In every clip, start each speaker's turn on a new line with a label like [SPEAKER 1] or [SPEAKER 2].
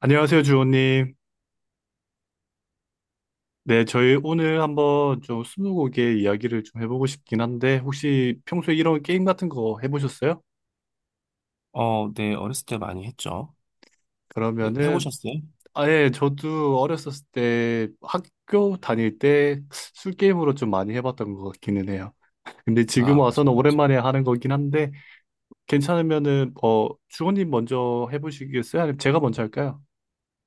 [SPEAKER 1] 안녕하세요, 주호님. 네, 저희 오늘 한번 좀 스무고개 이야기를 좀 해보고 싶긴 한데, 혹시 평소에 이런 게임 같은 거 해보셨어요?
[SPEAKER 2] 네, 어렸을 때 많이 했죠. 네,
[SPEAKER 1] 그러면은,
[SPEAKER 2] 해보셨어요?
[SPEAKER 1] 아예 저도 어렸었을 때 학교 다닐 때 술게임으로 좀 많이 해봤던 것 같기는 해요. 근데 지금
[SPEAKER 2] 아,
[SPEAKER 1] 와서는
[SPEAKER 2] 맞아요, 맞아요.
[SPEAKER 1] 오랜만에 하는 거긴 한데, 괜찮으면은, 주호님 먼저 해보시겠어요? 아니면 제가 먼저 할까요?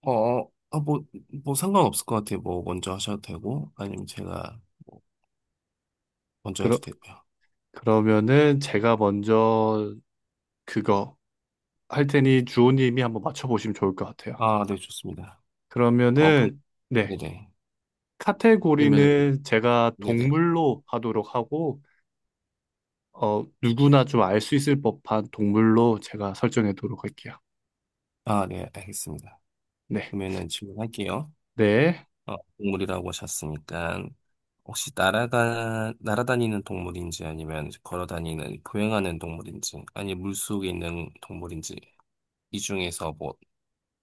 [SPEAKER 2] 어, 어, 어, 뭐, 뭐 상관없을 것 같아요. 뭐, 먼저 하셔도 되고, 아니면 제가 뭐 먼저 해도
[SPEAKER 1] 그러,
[SPEAKER 2] 되고요.
[SPEAKER 1] 그러면은 제가 먼저 그거 할 테니 주호님이 한번 맞춰보시면 좋을 것 같아요.
[SPEAKER 2] 아, 네, 좋습니다. 그럼,
[SPEAKER 1] 그러면은 네.
[SPEAKER 2] 네네. 그러면은,
[SPEAKER 1] 카테고리는 제가
[SPEAKER 2] 네네.
[SPEAKER 1] 동물로 하도록 하고 누구나 좀 알 수 있을 법한 동물로 제가 설정해도록 할게요.
[SPEAKER 2] 아, 네, 알겠습니다.
[SPEAKER 1] 네.
[SPEAKER 2] 그러면은 질문할게요.
[SPEAKER 1] 네.
[SPEAKER 2] 동물이라고 하셨으니까, 혹시 날아다니는 동물인지 아니면 보행하는 동물인지, 아니 물속에 있는 동물인지, 이 중에서 뭐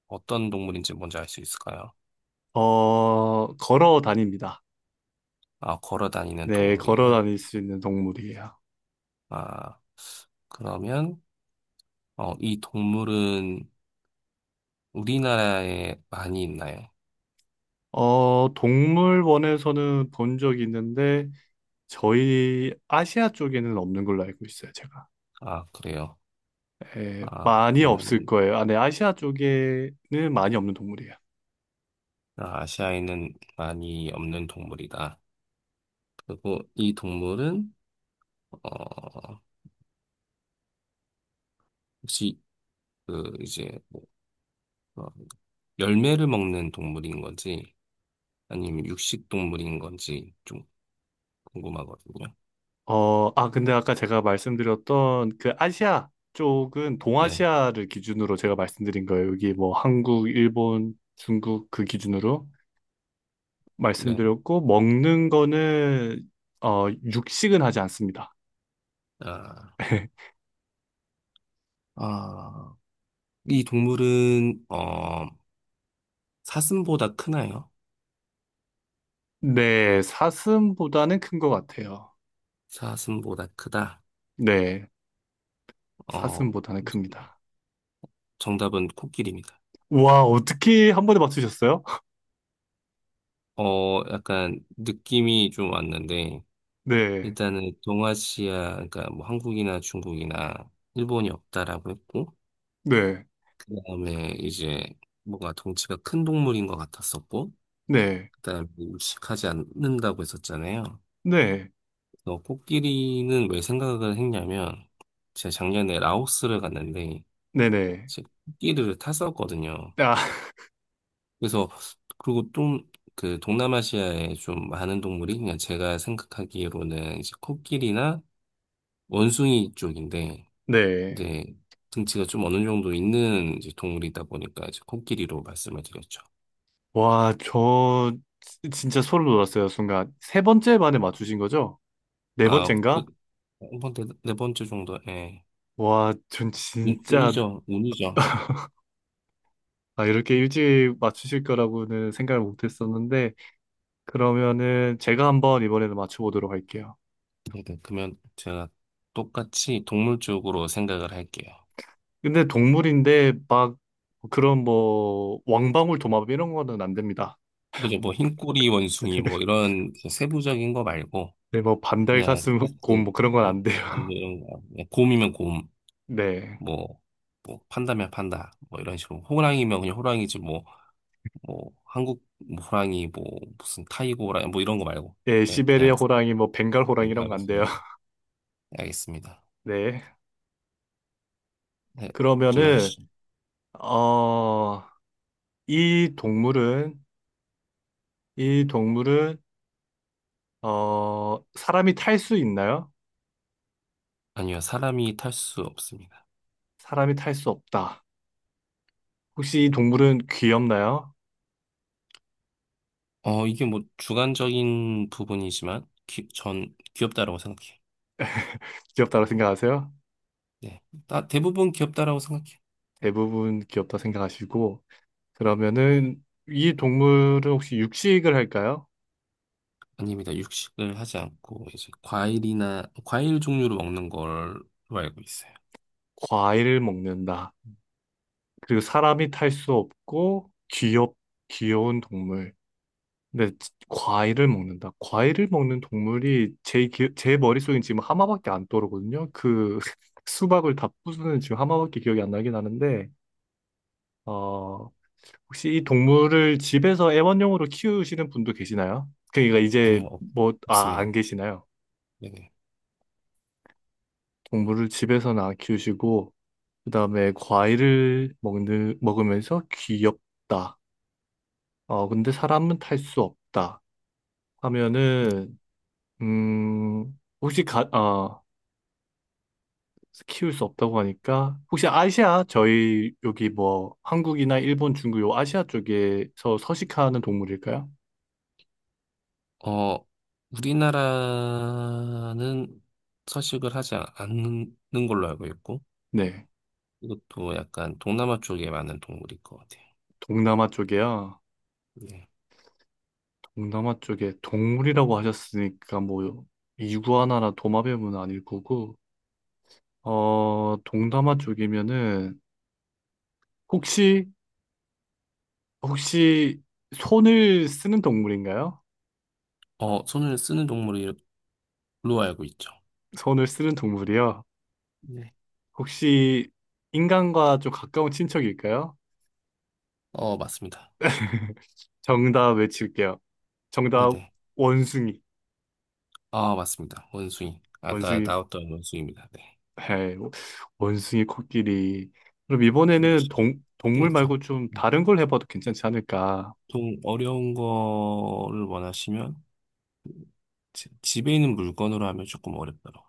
[SPEAKER 2] 어떤 동물인지 뭔지 알 수 있을까요?
[SPEAKER 1] 걸어 다닙니다.
[SPEAKER 2] 아, 걸어 다니는
[SPEAKER 1] 네, 걸어
[SPEAKER 2] 동물이에요.
[SPEAKER 1] 다닐 수 있는 동물이에요.
[SPEAKER 2] 아, 그러면, 이 동물은 우리나라에 많이 있나요?
[SPEAKER 1] 동물원에서는 본 적이 있는데 저희 아시아 쪽에는 없는 걸로 알고 있어요, 제가.
[SPEAKER 2] 아, 그래요.
[SPEAKER 1] 예,
[SPEAKER 2] 아,
[SPEAKER 1] 많이 없을
[SPEAKER 2] 그러면은,
[SPEAKER 1] 거예요. 아, 네, 아시아 쪽에는 많이 없는 동물이에요.
[SPEAKER 2] 아, 아시아에는 많이 없는 동물이다. 그리고 이 동물은, 어, 혹시, 그, 이제, 뭐, 어, 열매를 먹는 동물인 건지, 아니면 육식 동물인 건지 좀 궁금하거든요.
[SPEAKER 1] 아, 근데 아까 제가 말씀드렸던 그 아시아 쪽은
[SPEAKER 2] 네,
[SPEAKER 1] 동아시아를 기준으로 제가 말씀드린 거예요. 여기 뭐 한국, 일본, 중국 그 기준으로
[SPEAKER 2] 네.
[SPEAKER 1] 말씀드렸고, 먹는 거는, 육식은 하지 않습니다.
[SPEAKER 2] 아, 아. 이 동물은 사슴보다 크나요?
[SPEAKER 1] 네, 사슴보다는 큰 것 같아요.
[SPEAKER 2] 사슴보다 크다.
[SPEAKER 1] 네,
[SPEAKER 2] 어
[SPEAKER 1] 사슴보다는 큽니다.
[SPEAKER 2] 정답은 코끼리입니다.
[SPEAKER 1] 와, 어떻게 한 번에 맞추셨어요?
[SPEAKER 2] 약간 느낌이 좀 왔는데
[SPEAKER 1] 네,
[SPEAKER 2] 일단은 동아시아 그러니까 뭐 한국이나 중국이나 일본이 없다라고 했고
[SPEAKER 1] 네,
[SPEAKER 2] 그다음에 이제 뭔가 덩치가 큰 동물인 것 같았었고
[SPEAKER 1] 네,
[SPEAKER 2] 그다음에 육식하지 않는다고 했었잖아요.
[SPEAKER 1] 네,
[SPEAKER 2] 그래서 코끼리는 왜 생각을 했냐면 제가 작년에 라오스를 갔는데
[SPEAKER 1] 네네.
[SPEAKER 2] 끼리를 탔었거든요.
[SPEAKER 1] 아,
[SPEAKER 2] 그래서 그리고 좀 그 동남아시아에 좀 많은 동물이 그냥 제가 생각하기로는 이제 코끼리나 원숭이 쪽인데
[SPEAKER 1] 네.
[SPEAKER 2] 이제 등치가 좀 어느 정도 있는 이제 동물이다 보니까 이제 코끼리로 말씀을 드렸죠.
[SPEAKER 1] 와, 저 진짜 소름 돋았어요, 순간. 세 번째 만에 맞추신 거죠? 네
[SPEAKER 2] 아, 그,
[SPEAKER 1] 번째인가?
[SPEAKER 2] 한 번째, 네 번째 정도, 예.
[SPEAKER 1] 와, 전 진짜
[SPEAKER 2] 운이죠, 운이죠.
[SPEAKER 1] 아, 이렇게 일찍 맞추실 거라고는 생각을 못 했었는데 그러면은 제가 한번 이번에는 맞춰보도록 할게요.
[SPEAKER 2] 네, 그러면 제가 똑같이 동물 쪽으로 생각을 할게요.
[SPEAKER 1] 근데 동물인데 막 그런 뭐 왕방울 도마뱀 이런 거는 안 됩니다.
[SPEAKER 2] 그죠, 뭐, 흰꼬리 원숭이, 뭐, 이런 세부적인 거 말고,
[SPEAKER 1] 네, 뭐 반달
[SPEAKER 2] 그냥
[SPEAKER 1] 가슴곰 뭐
[SPEAKER 2] 딱지
[SPEAKER 1] 그런 건
[SPEAKER 2] 음,
[SPEAKER 1] 안 돼요.
[SPEAKER 2] 뭐 이런 거 그냥 곰이면 곰,
[SPEAKER 1] 네.
[SPEAKER 2] 뭐, 뭐 판다면 판다, 뭐 이런 식으로 호랑이면 그냥 호랑이지 뭐, 뭐 한국 뭐 호랑이 뭐 무슨 타이거 호랑이 뭐 이런 거 말고
[SPEAKER 1] 예,
[SPEAKER 2] 예
[SPEAKER 1] 시베리아
[SPEAKER 2] 그냥
[SPEAKER 1] 호랑이 뭐 벵갈 호랑이 이런 거 안 돼요.
[SPEAKER 2] 말씀하세요. 알겠습니다.
[SPEAKER 1] 네.
[SPEAKER 2] 네
[SPEAKER 1] 그러면은
[SPEAKER 2] 질문하시죠.
[SPEAKER 1] 어 이 동물은, 이 동물은, 어, 사람이 탈 수 있나요?
[SPEAKER 2] 아니요 사람이 탈 수 없습니다.
[SPEAKER 1] 사람이 탈 수 없다. 혹시 이 동물은 귀엽나요?
[SPEAKER 2] 이게 뭐 주관적인 부분이지만 전 귀엽다라고 생각해요.
[SPEAKER 1] 귀엽다고 생각하세요?
[SPEAKER 2] 네, 다 대부분 귀엽다라고 생각해요.
[SPEAKER 1] 대부분 귀엽다 생각하시고, 그러면은 이 동물은 혹시 육식을 할까요?
[SPEAKER 2] 아닙니다. 육식을 하지 않고 이제 과일이나 과일 종류를 먹는 걸로 알고 있어요.
[SPEAKER 1] 과일을 먹는다. 그리고 사람이 탈 수 없고, 귀엽, 귀여운 동물. 근데 과일을 먹는다. 과일을 먹는 동물이 제 머릿속엔 지금 하마밖에 안 떠오르거든요. 그 수박을 다 부수는 지금 하마밖에 기억이 안 나긴 하는데, 어, 혹시 이 동물을 집에서 애완용으로 키우시는 분도 계시나요? 그러니까 이제
[SPEAKER 2] 아니요,
[SPEAKER 1] 뭐, 아,
[SPEAKER 2] 습니다
[SPEAKER 1] 안 계시나요?
[SPEAKER 2] 네네.
[SPEAKER 1] 동물을 집에서는 안 키우시고, 그 다음에 과일을 먹는, 먹으면서 귀엽다. 어, 근데 사람은 탈 수 없다. 하면은, 혹시 키울 수 없다고 하니까 혹시 아시아 저희 여기 뭐 한국이나 일본, 중국 요 아시아 쪽에서 서식하는 동물일까요?
[SPEAKER 2] 어, 우리나라는 서식을 않는 걸로 알고 있고
[SPEAKER 1] 네,
[SPEAKER 2] 이것도 약간 동남아 쪽에 많은 동물일 것 같아요.
[SPEAKER 1] 동남아 쪽이야.
[SPEAKER 2] 네.
[SPEAKER 1] 동남아 쪽에 동물이라고 하셨으니까 뭐 이구아나나 도마뱀은 아닐 거고 동남아 쪽이면은 혹시 혹시 손을 쓰는 동물인가요?
[SPEAKER 2] 어, 손을 쓰는 동물로 알고 있죠.
[SPEAKER 1] 손을 쓰는 동물이요.
[SPEAKER 2] 네.
[SPEAKER 1] 혹시 인간과 좀 가까운 친척일까요?
[SPEAKER 2] 어, 맞습니다.
[SPEAKER 1] 정답 외칠게요. 정답
[SPEAKER 2] 네네.
[SPEAKER 1] 원숭이.
[SPEAKER 2] 아, 맞습니다. 원숭이. 아까
[SPEAKER 1] 원숭이
[SPEAKER 2] 나왔던 원숭이입니다. 네.
[SPEAKER 1] 해. 원숭이 코끼리. 그럼
[SPEAKER 2] 좀
[SPEAKER 1] 이번에는
[SPEAKER 2] 쉽긴
[SPEAKER 1] 동물 말고
[SPEAKER 2] 했죠.
[SPEAKER 1] 좀 다른 걸 해봐도 괜찮지 않을까?
[SPEAKER 2] 보통 어려운 거를 원하시면 집에 있는 물건으로 하면 조금 어렵더라고요.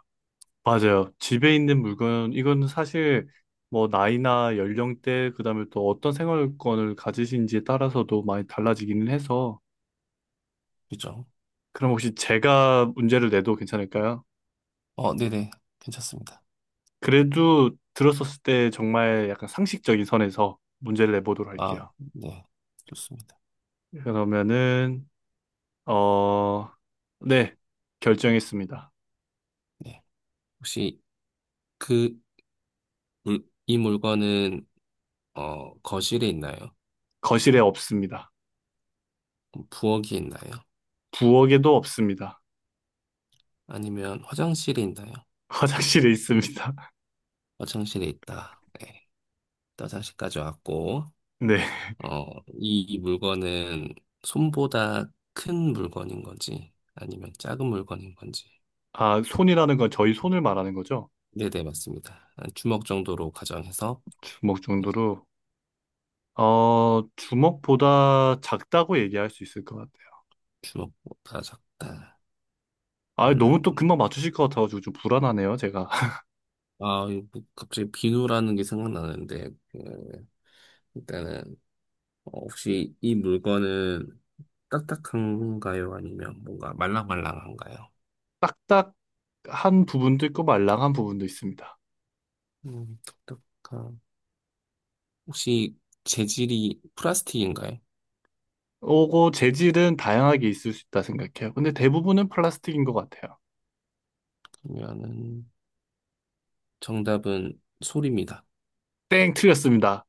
[SPEAKER 1] 맞아요. 집에 있는 물건 이건 사실 뭐 나이나 연령대 그다음에 또 어떤 생활권을 가지신지에 따라서도 많이 달라지기는 해서
[SPEAKER 2] 그죠?
[SPEAKER 1] 그럼 혹시 제가 문제를 내도 괜찮을까요?
[SPEAKER 2] 어, 네네. 괜찮습니다.
[SPEAKER 1] 그래도 들었었을 때 정말 약간 상식적인 선에서 문제를 내보도록
[SPEAKER 2] 아,
[SPEAKER 1] 할게요.
[SPEAKER 2] 네. 좋습니다.
[SPEAKER 1] 그러면은 어, 네, 결정했습니다.
[SPEAKER 2] 네. 혹시 그, 이 물건은, 거실에 있나요?
[SPEAKER 1] 거실에 없습니다.
[SPEAKER 2] 부엌에 있나요?
[SPEAKER 1] 부엌에도 없습니다.
[SPEAKER 2] 아니면 화장실에 있나요?
[SPEAKER 1] 화장실에 있습니다.
[SPEAKER 2] 화장실에 있다. 네. 또 화장실까지 왔고,
[SPEAKER 1] 네.
[SPEAKER 2] 어, 이 물건은 손보다 큰 물건인 건지, 아니면 작은 물건인 건지.
[SPEAKER 1] 아, 손이라는 건 저희 손을 말하는 거죠?
[SPEAKER 2] 네네, 맞습니다. 한 주먹 정도로 가정해서
[SPEAKER 1] 주먹
[SPEAKER 2] 이
[SPEAKER 1] 정도로. 어, 주먹보다 작다고 얘기할 수 있을 것 같아요.
[SPEAKER 2] 주먹보다 작다.
[SPEAKER 1] 아, 너무 또
[SPEAKER 2] 음,
[SPEAKER 1] 금방 맞추실 것 같아가지고 좀 불안하네요, 제가.
[SPEAKER 2] 아, 이거 갑자기 비누라는 게 생각나는데, 그, 일단은 어, 혹시 이 물건은 딱딱한가요? 아니면 뭔가 말랑말랑한가요?
[SPEAKER 1] 딱딱한 부분도 있고 말랑한 부분도 있습니다.
[SPEAKER 2] 음, 딱딱한. 혹시 재질이 플라스틱인가요?
[SPEAKER 1] 오고 재질은 다양하게 있을 수 있다 생각해요. 근데 대부분은 플라스틱인 것 같아요.
[SPEAKER 2] 그러면은 정답은 솔입니다.
[SPEAKER 1] 땡, 틀렸습니다.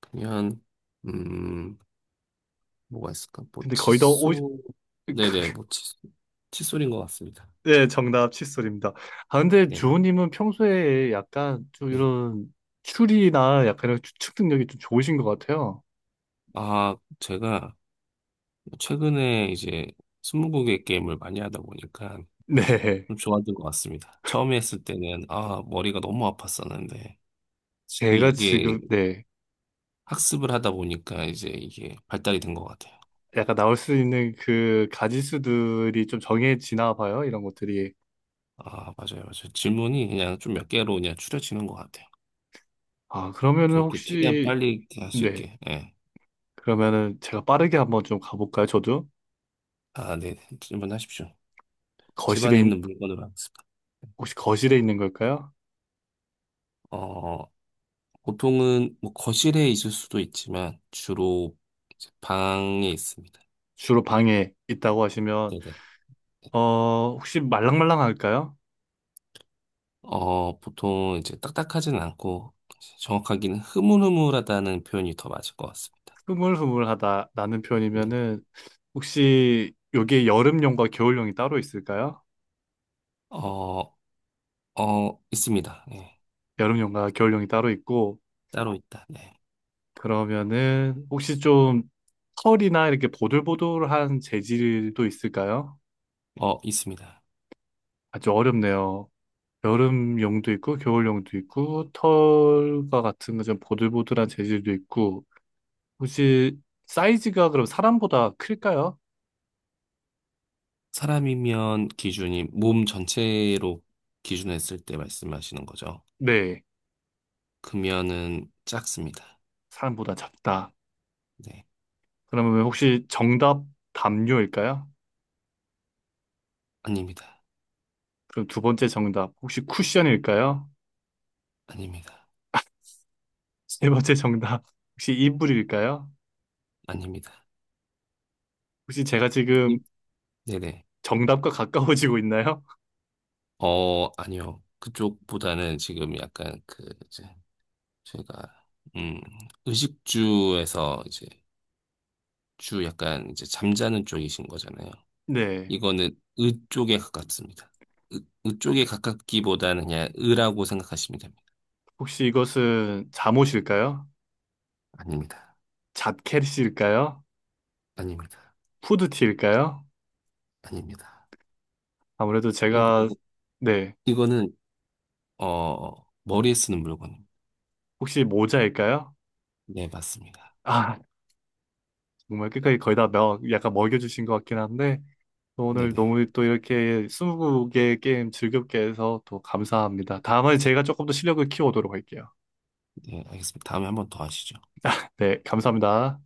[SPEAKER 2] 그러면 음, 뭐가 있을까? 뭐
[SPEAKER 1] 근데 거의 다 오,
[SPEAKER 2] 칫솔. 네네, 뭐 칫솔. 칫솔인 것 같습니다.
[SPEAKER 1] 네, 정답 칫솔입니다. 아, 근데
[SPEAKER 2] 네네.
[SPEAKER 1] 주호님은 평소에 약간 좀
[SPEAKER 2] 네.
[SPEAKER 1] 이런 추리나 약간 이런 추측 능력이 좀 좋으신 것 같아요.
[SPEAKER 2] 아, 제가 최근에 이제 스무고개 게임을 많이 하다 보니까
[SPEAKER 1] 네.
[SPEAKER 2] 좀 좋아진 것 같습니다. 처음에 했을 때는 아, 머리가 너무 아팠었는데
[SPEAKER 1] 제가
[SPEAKER 2] 이게
[SPEAKER 1] 지금, 네.
[SPEAKER 2] 학습을 하다 보니까 이제 이게 발달이 된 것 같아요.
[SPEAKER 1] 약간 나올 수 있는 그 가지수들이 좀 정해지나 봐요. 이런 것들이.
[SPEAKER 2] 아, 맞아요, 맞아요. 질문이 그냥 좀 몇 개로 그냥 추려지는 것 같아요.
[SPEAKER 1] 아, 그러면은
[SPEAKER 2] 좀 이렇게 최대한
[SPEAKER 1] 혹시,
[SPEAKER 2] 빨리 할 수
[SPEAKER 1] 네.
[SPEAKER 2] 있게. 예.
[SPEAKER 1] 그러면은 제가 빠르게 한번 좀 가볼까요? 저도?
[SPEAKER 2] 아, 네. 질문하십시오.
[SPEAKER 1] 거실에,
[SPEAKER 2] 집안에 있는 물건으로 하겠습니다.
[SPEAKER 1] 혹시 거실에 있는 걸까요?
[SPEAKER 2] 어, 보통은 뭐 거실에 있을 수도 있지만 주로 이제 방에 있습니다.
[SPEAKER 1] 주로 방에 있다고 하시면,
[SPEAKER 2] 네네.
[SPEAKER 1] 어, 혹시 말랑말랑할까요?
[SPEAKER 2] 어, 보통 이제 딱딱하진 않고 정확하게는 흐물흐물하다는 표현이 더 맞을 것 같습니다.
[SPEAKER 1] 흐물흐물하다 라는
[SPEAKER 2] 네네.
[SPEAKER 1] 표현이면은 혹시 여기에 여름용과 겨울용이 따로 있을까요?
[SPEAKER 2] 어, 어, 있습니다. 네.
[SPEAKER 1] 여름용과 겨울용이 따로 있고,
[SPEAKER 2] 따로 있다. 네.
[SPEAKER 1] 그러면은 혹시 좀 털이나 이렇게 보들보들한 재질도 있을까요?
[SPEAKER 2] 어, 있습니다.
[SPEAKER 1] 아주 어렵네요. 여름용도 있고, 겨울용도 있고, 털과 같은 거 좀 보들보들한 재질도 있고, 혹시 사이즈가 그럼 사람보다 클까요?
[SPEAKER 2] 사람이면 기준이 몸 전체로 기준했을 때 말씀하시는 거죠.
[SPEAKER 1] 네,
[SPEAKER 2] 금연은 작습니다.
[SPEAKER 1] 사람보다 작다.
[SPEAKER 2] 네.
[SPEAKER 1] 그러면 혹시 정답 담요일까요?
[SPEAKER 2] 아닙니다.
[SPEAKER 1] 그럼 두 번째 정답, 혹시 쿠션일까요?
[SPEAKER 2] 아닙니다.
[SPEAKER 1] 세 번째 정답. 혹시 이불일까요?
[SPEAKER 2] 아닙니다.
[SPEAKER 1] 혹시 제가 지금
[SPEAKER 2] 네네.
[SPEAKER 1] 정답과 가까워지고 있나요?
[SPEAKER 2] 어, 아니요. 그쪽보다는 지금 약간 제가, 음, 의식주에서 이제, 주 약간 이제 잠자는 쪽이신 거잖아요.
[SPEAKER 1] 네.
[SPEAKER 2] 이거는 의 쪽에 가깝습니다. 의 쪽에 가깝기보다는 그냥 의라고 생각하시면 됩니다.
[SPEAKER 1] 혹시 이것은 잠옷일까요?
[SPEAKER 2] 아닙니다.
[SPEAKER 1] 자켓일까요?
[SPEAKER 2] 아닙니다.
[SPEAKER 1] 후드티일까요?
[SPEAKER 2] 아닙니다.
[SPEAKER 1] 아무래도
[SPEAKER 2] 이거,
[SPEAKER 1] 제가,
[SPEAKER 2] 이거-
[SPEAKER 1] 네.
[SPEAKER 2] 이거는, 어, 머리에 쓰는 물건입니다.
[SPEAKER 1] 혹시 모자일까요?
[SPEAKER 2] 네, 맞습니다.
[SPEAKER 1] 아, 정말 끝까지 거의 다 명, 약간 먹여주신 것 같긴 한데, 또 오늘
[SPEAKER 2] 네네.
[SPEAKER 1] 너무 또 이렇게 20개의 게임 즐겁게 해서 또 감사합니다. 다음에 제가 조금 더 실력을 키워오도록 할게요.
[SPEAKER 2] 네, 알겠습니다. 다음에 한번 더 하시죠.
[SPEAKER 1] 네, 감사합니다.